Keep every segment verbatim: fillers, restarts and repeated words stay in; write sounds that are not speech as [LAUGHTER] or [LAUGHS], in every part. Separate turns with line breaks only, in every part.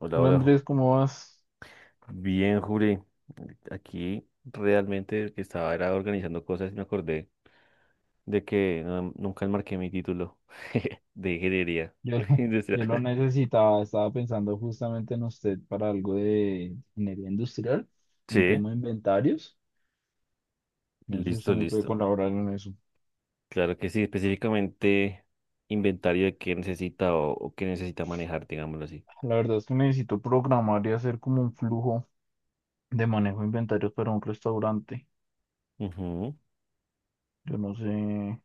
Hola,
Hola
hola. Ju-
Andrés, ¿cómo vas?
Bien, Juli. Aquí realmente que estaba era organizando cosas y me acordé de que no- nunca enmarqué mi título [LAUGHS] de ingeniería
Yo, [LAUGHS] lo-
industrial.
Yo lo
[LAUGHS]
necesitaba, estaba pensando justamente en usted para algo de ingeniería industrial, un
Sí,
tema de inventarios. No sé si usted
listo,
me puede
listo.
colaborar en eso.
Claro que sí, específicamente inventario de qué necesita o, o qué necesita manejar, digámoslo así.
La verdad es que necesito programar y hacer como un flujo de manejo de inventarios para un restaurante.
Ujú.
Yo no sé,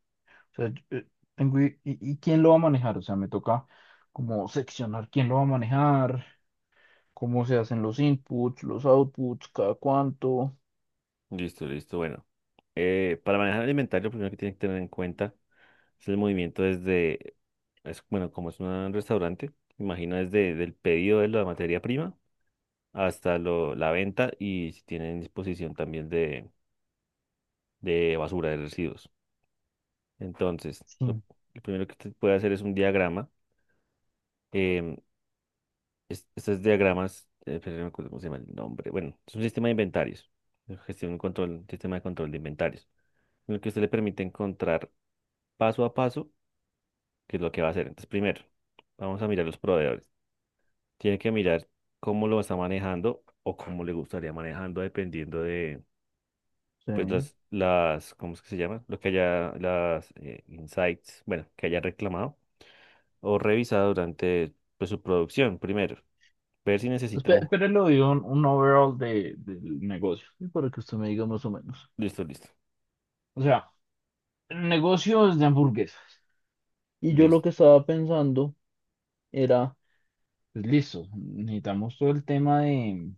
o sea, yo, eh, tengo i- y, y quién lo va a manejar, o sea, me toca como seccionar quién lo va a manejar, cómo se hacen los inputs, los outputs, cada cuánto.
Listo, listo. Bueno, eh, para manejar el inventario, primero que tiene que tener en cuenta. Es el movimiento desde, es, bueno, como es un restaurante, imagino desde el pedido de la materia prima hasta lo, la venta y si tienen disposición también de, de basura, de residuos. Entonces, lo,
Sí,
lo primero que usted puede hacer es un diagrama. em, es- estos diagramas, eh, pero no me acuerdo cómo se llama el nombre. Bueno, es un sistema de inventarios, de gestión y control, un sistema de control de inventarios, en el que usted le permite encontrar paso a paso qué es lo que va a hacer. Entonces, primero, vamos a mirar los proveedores. Tiene que mirar cómo lo está manejando o cómo le gustaría manejando dependiendo de, pues,
sí.
las, las, ¿cómo es que se llama? Lo que haya, las eh, insights, bueno, que haya reclamado o revisado durante, pues, su producción primero. Ver si necesita un...
Espe- Pero le doy un, un overall de, del negocio, ¿sí? Para que usted me diga más o menos.
Listo, listo,
O sea, el negocio es de hamburguesas. Y yo lo
listo.
que estaba pensando era, pues listo, necesitamos todo el tema de,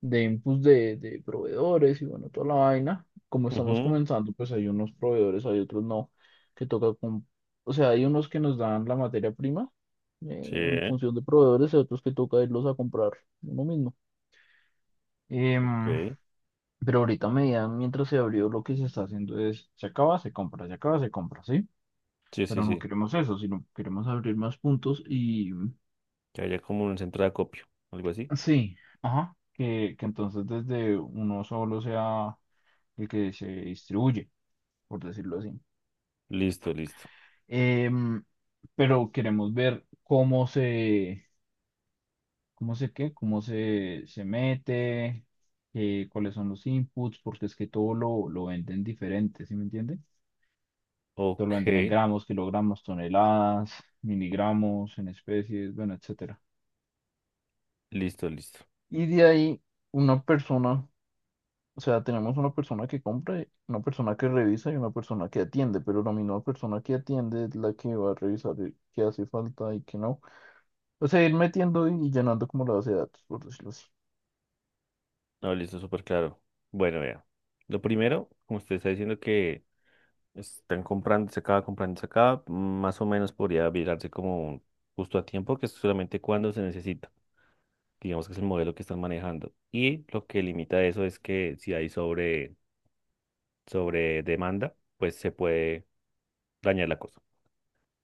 de inputs de, de proveedores y bueno, toda la vaina. Como estamos
Ujú.
comenzando, pues hay unos proveedores, hay otros no, que toca con... O sea, hay unos que nos dan la materia prima eh, en
Sí,
función de proveedores y otros que toca irlos a comprar uno mismo.
ok.
Pero ahorita me medida, mientras se abrió, lo que se está haciendo es: se acaba, se compra, se acaba, se compra, ¿sí?
Sí, sí,
Pero no
sí.
queremos eso, sino queremos abrir más puntos y...
Que haya como un centro de acopio, algo así.
Sí, ajá, que, que entonces desde uno solo sea el que se distribuye, por decirlo así.
Listo, listo.
Em, pero queremos ver cómo se, cómo se qué, cómo se, se mete, eh, cuáles son los inputs, porque es que todo lo, lo venden diferente, ¿sí me entiende? Todo lo
Ok,
venden en gramos, kilogramos, toneladas, miligramos, en especies, bueno, etcétera.
listo, listo.
Y de ahí una persona, o sea, tenemos una persona que compra, una persona que revisa y una persona que atiende, pero la misma persona que atiende es la que va a revisar el- qué hace falta y qué no. O sea, ir metiendo y llenando como la base de datos, por decirlo así.
No, listo, súper claro. Bueno, vea. Lo primero, como usted está diciendo que están comprándose acá, comprándose acá, más o menos podría virarse como un justo a tiempo, que es solamente cuando se necesita. Digamos que es el modelo que están manejando. Y lo que limita eso es que si hay sobre, sobre demanda, pues se puede dañar la cosa.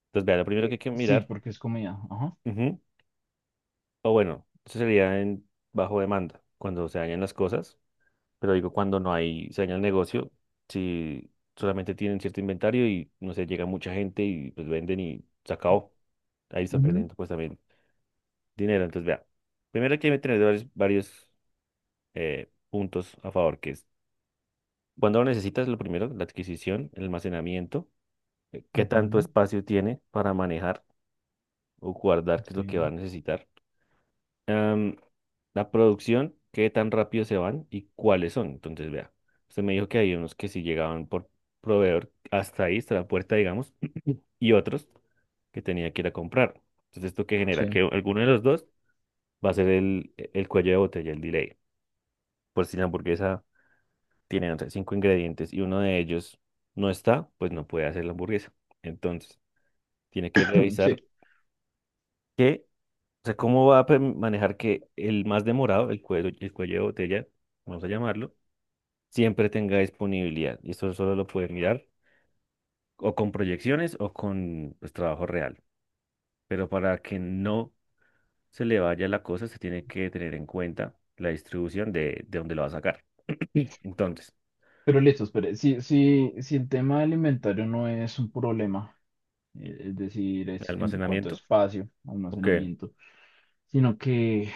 Entonces, vea, lo primero que
Eh,
hay que
Sí,
mirar,
porque es comida. Ajá.
ujú, o bueno, eso sería en bajo demanda, cuando se dañan las cosas, pero digo cuando no hay, se daña el negocio, si solamente tienen cierto inventario y no sé, llega mucha gente y pues venden y se acabó. Ahí están
Ujú,
perdiendo pues también dinero. Entonces, vea, primero que hay que tener varios, varios eh, puntos a favor, que es cuando lo necesitas, lo primero, la adquisición, el almacenamiento, eh, qué tanto
ujú,
espacio tiene para manejar o guardar, qué es
ok.
lo que va a necesitar. Am, la producción, qué tan rápido se van y cuáles son. Entonces, vea, usted me dijo que hay unos que si llegaban por proveedor hasta ahí, hasta la puerta, digamos, [CLEARS THROAT] y otros que tenía que ir a comprar. Entonces, ¿esto qué genera?
Sí.
Que alguno de los dos va a ser el, el cuello de botella, el delay. Por si la hamburguesa tiene, no sé, cinco ingredientes y uno de ellos no está, pues no puede hacer la hamburguesa. Entonces, tiene que
[LAUGHS] [CLEARS THROAT] Sí.
revisar que, o sea, cómo va a pe- manejar que el más demorado, el cuello, el cuello de botella, vamos a llamarlo, siempre tenga disponibilidad. Y esto solo lo puede mirar o con proyecciones o con pues, trabajo real. Pero para que no se le vaya la cosa, se tiene que tener en cuenta la distribución de, de dónde lo va a sacar. Sí. Entonces,
Pero listo, espere. Si, si, si el tema alimentario no es un problema, eh, es decir,
¿de
es en cuanto a
almacenamiento?
espacio,
Ok.
almacenamiento, sino que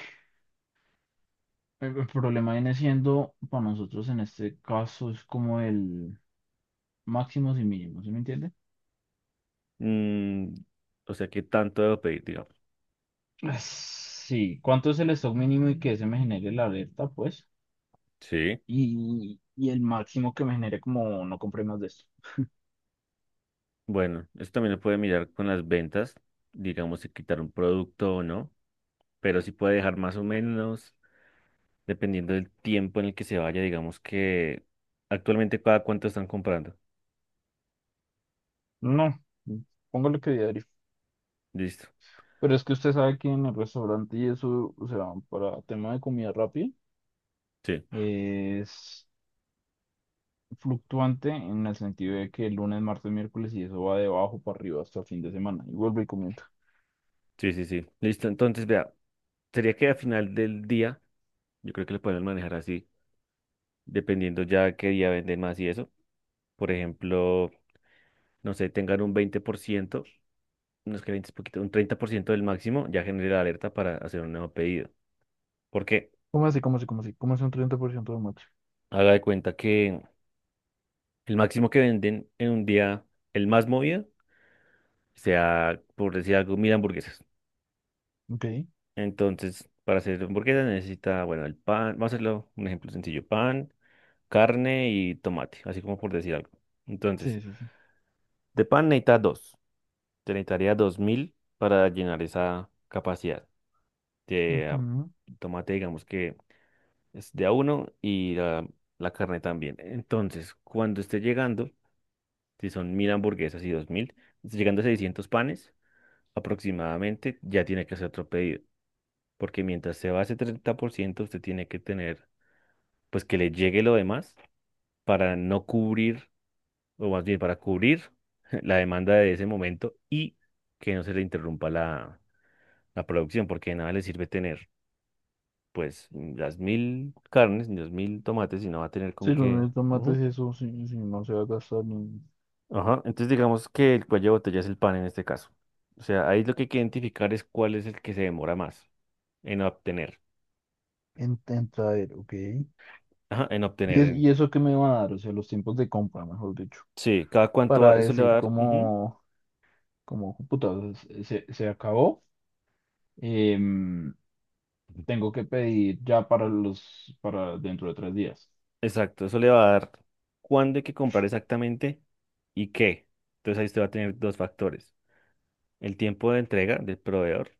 el el problema viene siendo para nosotros en este caso es como el máximos y mínimos, ¿sí me entiende?
Mm, o sea, ¿qué tanto debo pedir, digamos?
Ah, sí, ¿cuánto es el stock mínimo y que se me genere la alerta, pues?
Sí.
Y, y el máximo que me genere como no compré más de esto.
Bueno, esto también lo puede mirar con las ventas, digamos, si quitar un producto o no, pero sí puede dejar más o menos, dependiendo del tiempo en el que se vaya, digamos que actualmente cada cuánto están comprando.
No, póngale que diario.
Listo.
Pero es que usted sabe que en el restaurante y eso, o sea, para tema de comida rápida,
Sí,
es fluctuante en el sentido de que el lunes, martes, miércoles y eso va de abajo para arriba hasta el fin de semana. Y vuelvo y comenta.
sí, sí, sí. Listo. Entonces, vea, sería que al final del día, yo creo que lo pueden manejar así, dependiendo ya qué día venden más y eso. Por ejemplo, no sé, tengan un veinte por ciento. Unos es que veinte es poquito, un treinta por ciento del máximo ya genera la alerta para hacer un nuevo pedido. Porque
¿Cómo así? ¿Cómo así? ¿Cómo así? ¿Cómo así un treinta por ciento de mate?
haga de cuenta que el máximo que venden en un día, el más movido, sea, por decir algo, mil hamburguesas.
Ok.
Entonces, para hacer hamburguesas necesita, bueno, el pan, vamos a hacerlo un ejemplo sencillo, pan, carne y tomate, así como por decir algo. Entonces,
Sí, sí, sí.
de pan necesita dos, te necesitaría dos mil para llenar esa capacidad. De ah,
Ujú.
tomate, digamos que es de a uno y la, la carne también. Entonces, cuando esté llegando, si son mil hamburguesas y dos mil, esté llegando a seiscientos panes aproximadamente, ya tiene que hacer otro pedido. Porque mientras se va ese treinta por ciento usted tiene que tener, pues que le llegue lo demás para no cubrir, o más bien para cubrir [LAUGHS] la demanda de ese momento y que no se le interrumpa la, la producción, porque de nada le sirve tener, pues, las mil carnes, ni los mil tomates, y no va a tener con
Sí, los
qué.
mismos tomates y eso sí, sí, no se va a gastar ni
Ajá, entonces digamos que el cuello de botella es el pan en este caso. O sea, ahí lo que hay que identificar es cuál es el que se demora más en obtener.
en, en traer, ok. ¿Y,
Ajá, en obtener.
es-
en-
y eso que me van a dar? O sea, los tiempos de compra, mejor dicho.
Sí, cada cuánto va-
Para
eso le va a
decir
dar. Ujú.
como, como, puta, se, se se acabó. em, Tengo que pedir ya para los, para dentro de tres días.
Exacto, eso le va a dar cuándo hay que comprar exactamente y qué. Entonces ahí usted va a tener dos factores. El tiempo de entrega del proveedor,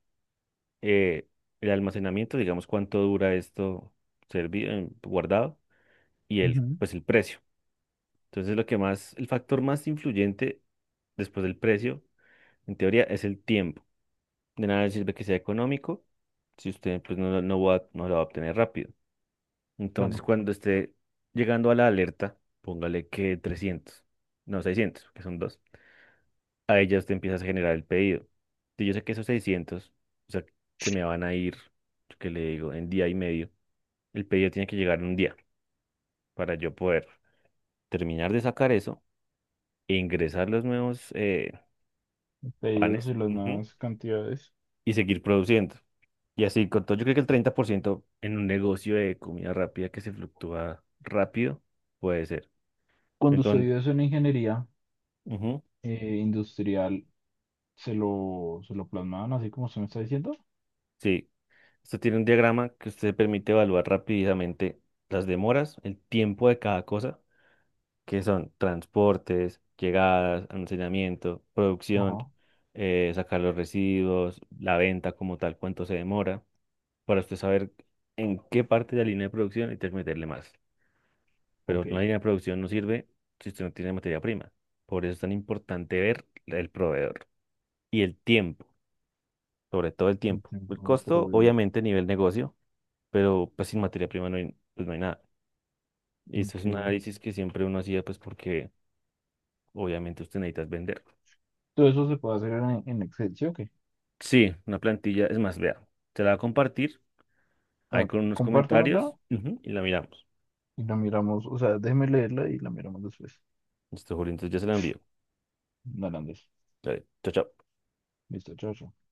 eh, el almacenamiento, digamos cuánto dura esto servido, guardado, y el,
Ujú.
pues el precio. Entonces, lo que más, el factor más influyente después del precio, en teoría, es el tiempo. De nada sirve que sea económico si usted pues, no, lo- no va, a- no lo va a obtener rápido. Entonces, cuando esté llegando a la alerta, póngale que trescientos no seiscientos que son dos. A ya usted empieza a generar el pedido. Si yo sé que esos seiscientos o sea, se me van a ir, que le digo, en día y medio. El pedido tiene que llegar en un día para yo poder terminar de sacar eso e ingresar los nuevos, eh,
Pedidos
panes,
y las
ujú,
nuevas cantidades.
y seguir produciendo. Y así, con todo, yo creo que el treinta por ciento en un negocio de comida rápida que se fluctúa rápido puede ser.
Cuando
Entonces,
estudié eso en ingeniería
ujú,
eh, industrial, se lo, se lo plasmaban así como se me está diciendo.
sí, esto tiene un diagrama que usted permite evaluar rápidamente las demoras, el tiempo de cada cosa, que son transportes, llegadas, almacenamiento, producción,
Ajá,
eh, sacar los residuos, la venta como tal, cuánto se demora, para usted saber en qué parte de la línea de producción y meterle más. Pero
ok.
una línea de producción no sirve si usted no tiene materia prima. Por eso es tan importante ver el proveedor y el tiempo, sobre todo el tiempo. El
Entiendo, pero
costo,
es-
obviamente, a nivel negocio, pero pues sin materia prima no hay, pues, no hay nada. Y esto es un
ok.
análisis que siempre uno hacía, pues porque obviamente usted necesita vender.
Todo eso se puede hacer en, en Excel, ¿sí o qué?
Sí, una plantilla, es más, vea, te la va a compartir
A
ahí
ver,
con unos
compártamela
comentarios ujú, y la miramos.
y la miramos, o sea, déjeme leerla y la miramos después.
Listo, Julio, entonces ya se la envío.
Hernández.
Dale, chao, chao.
Listo, chao, chao.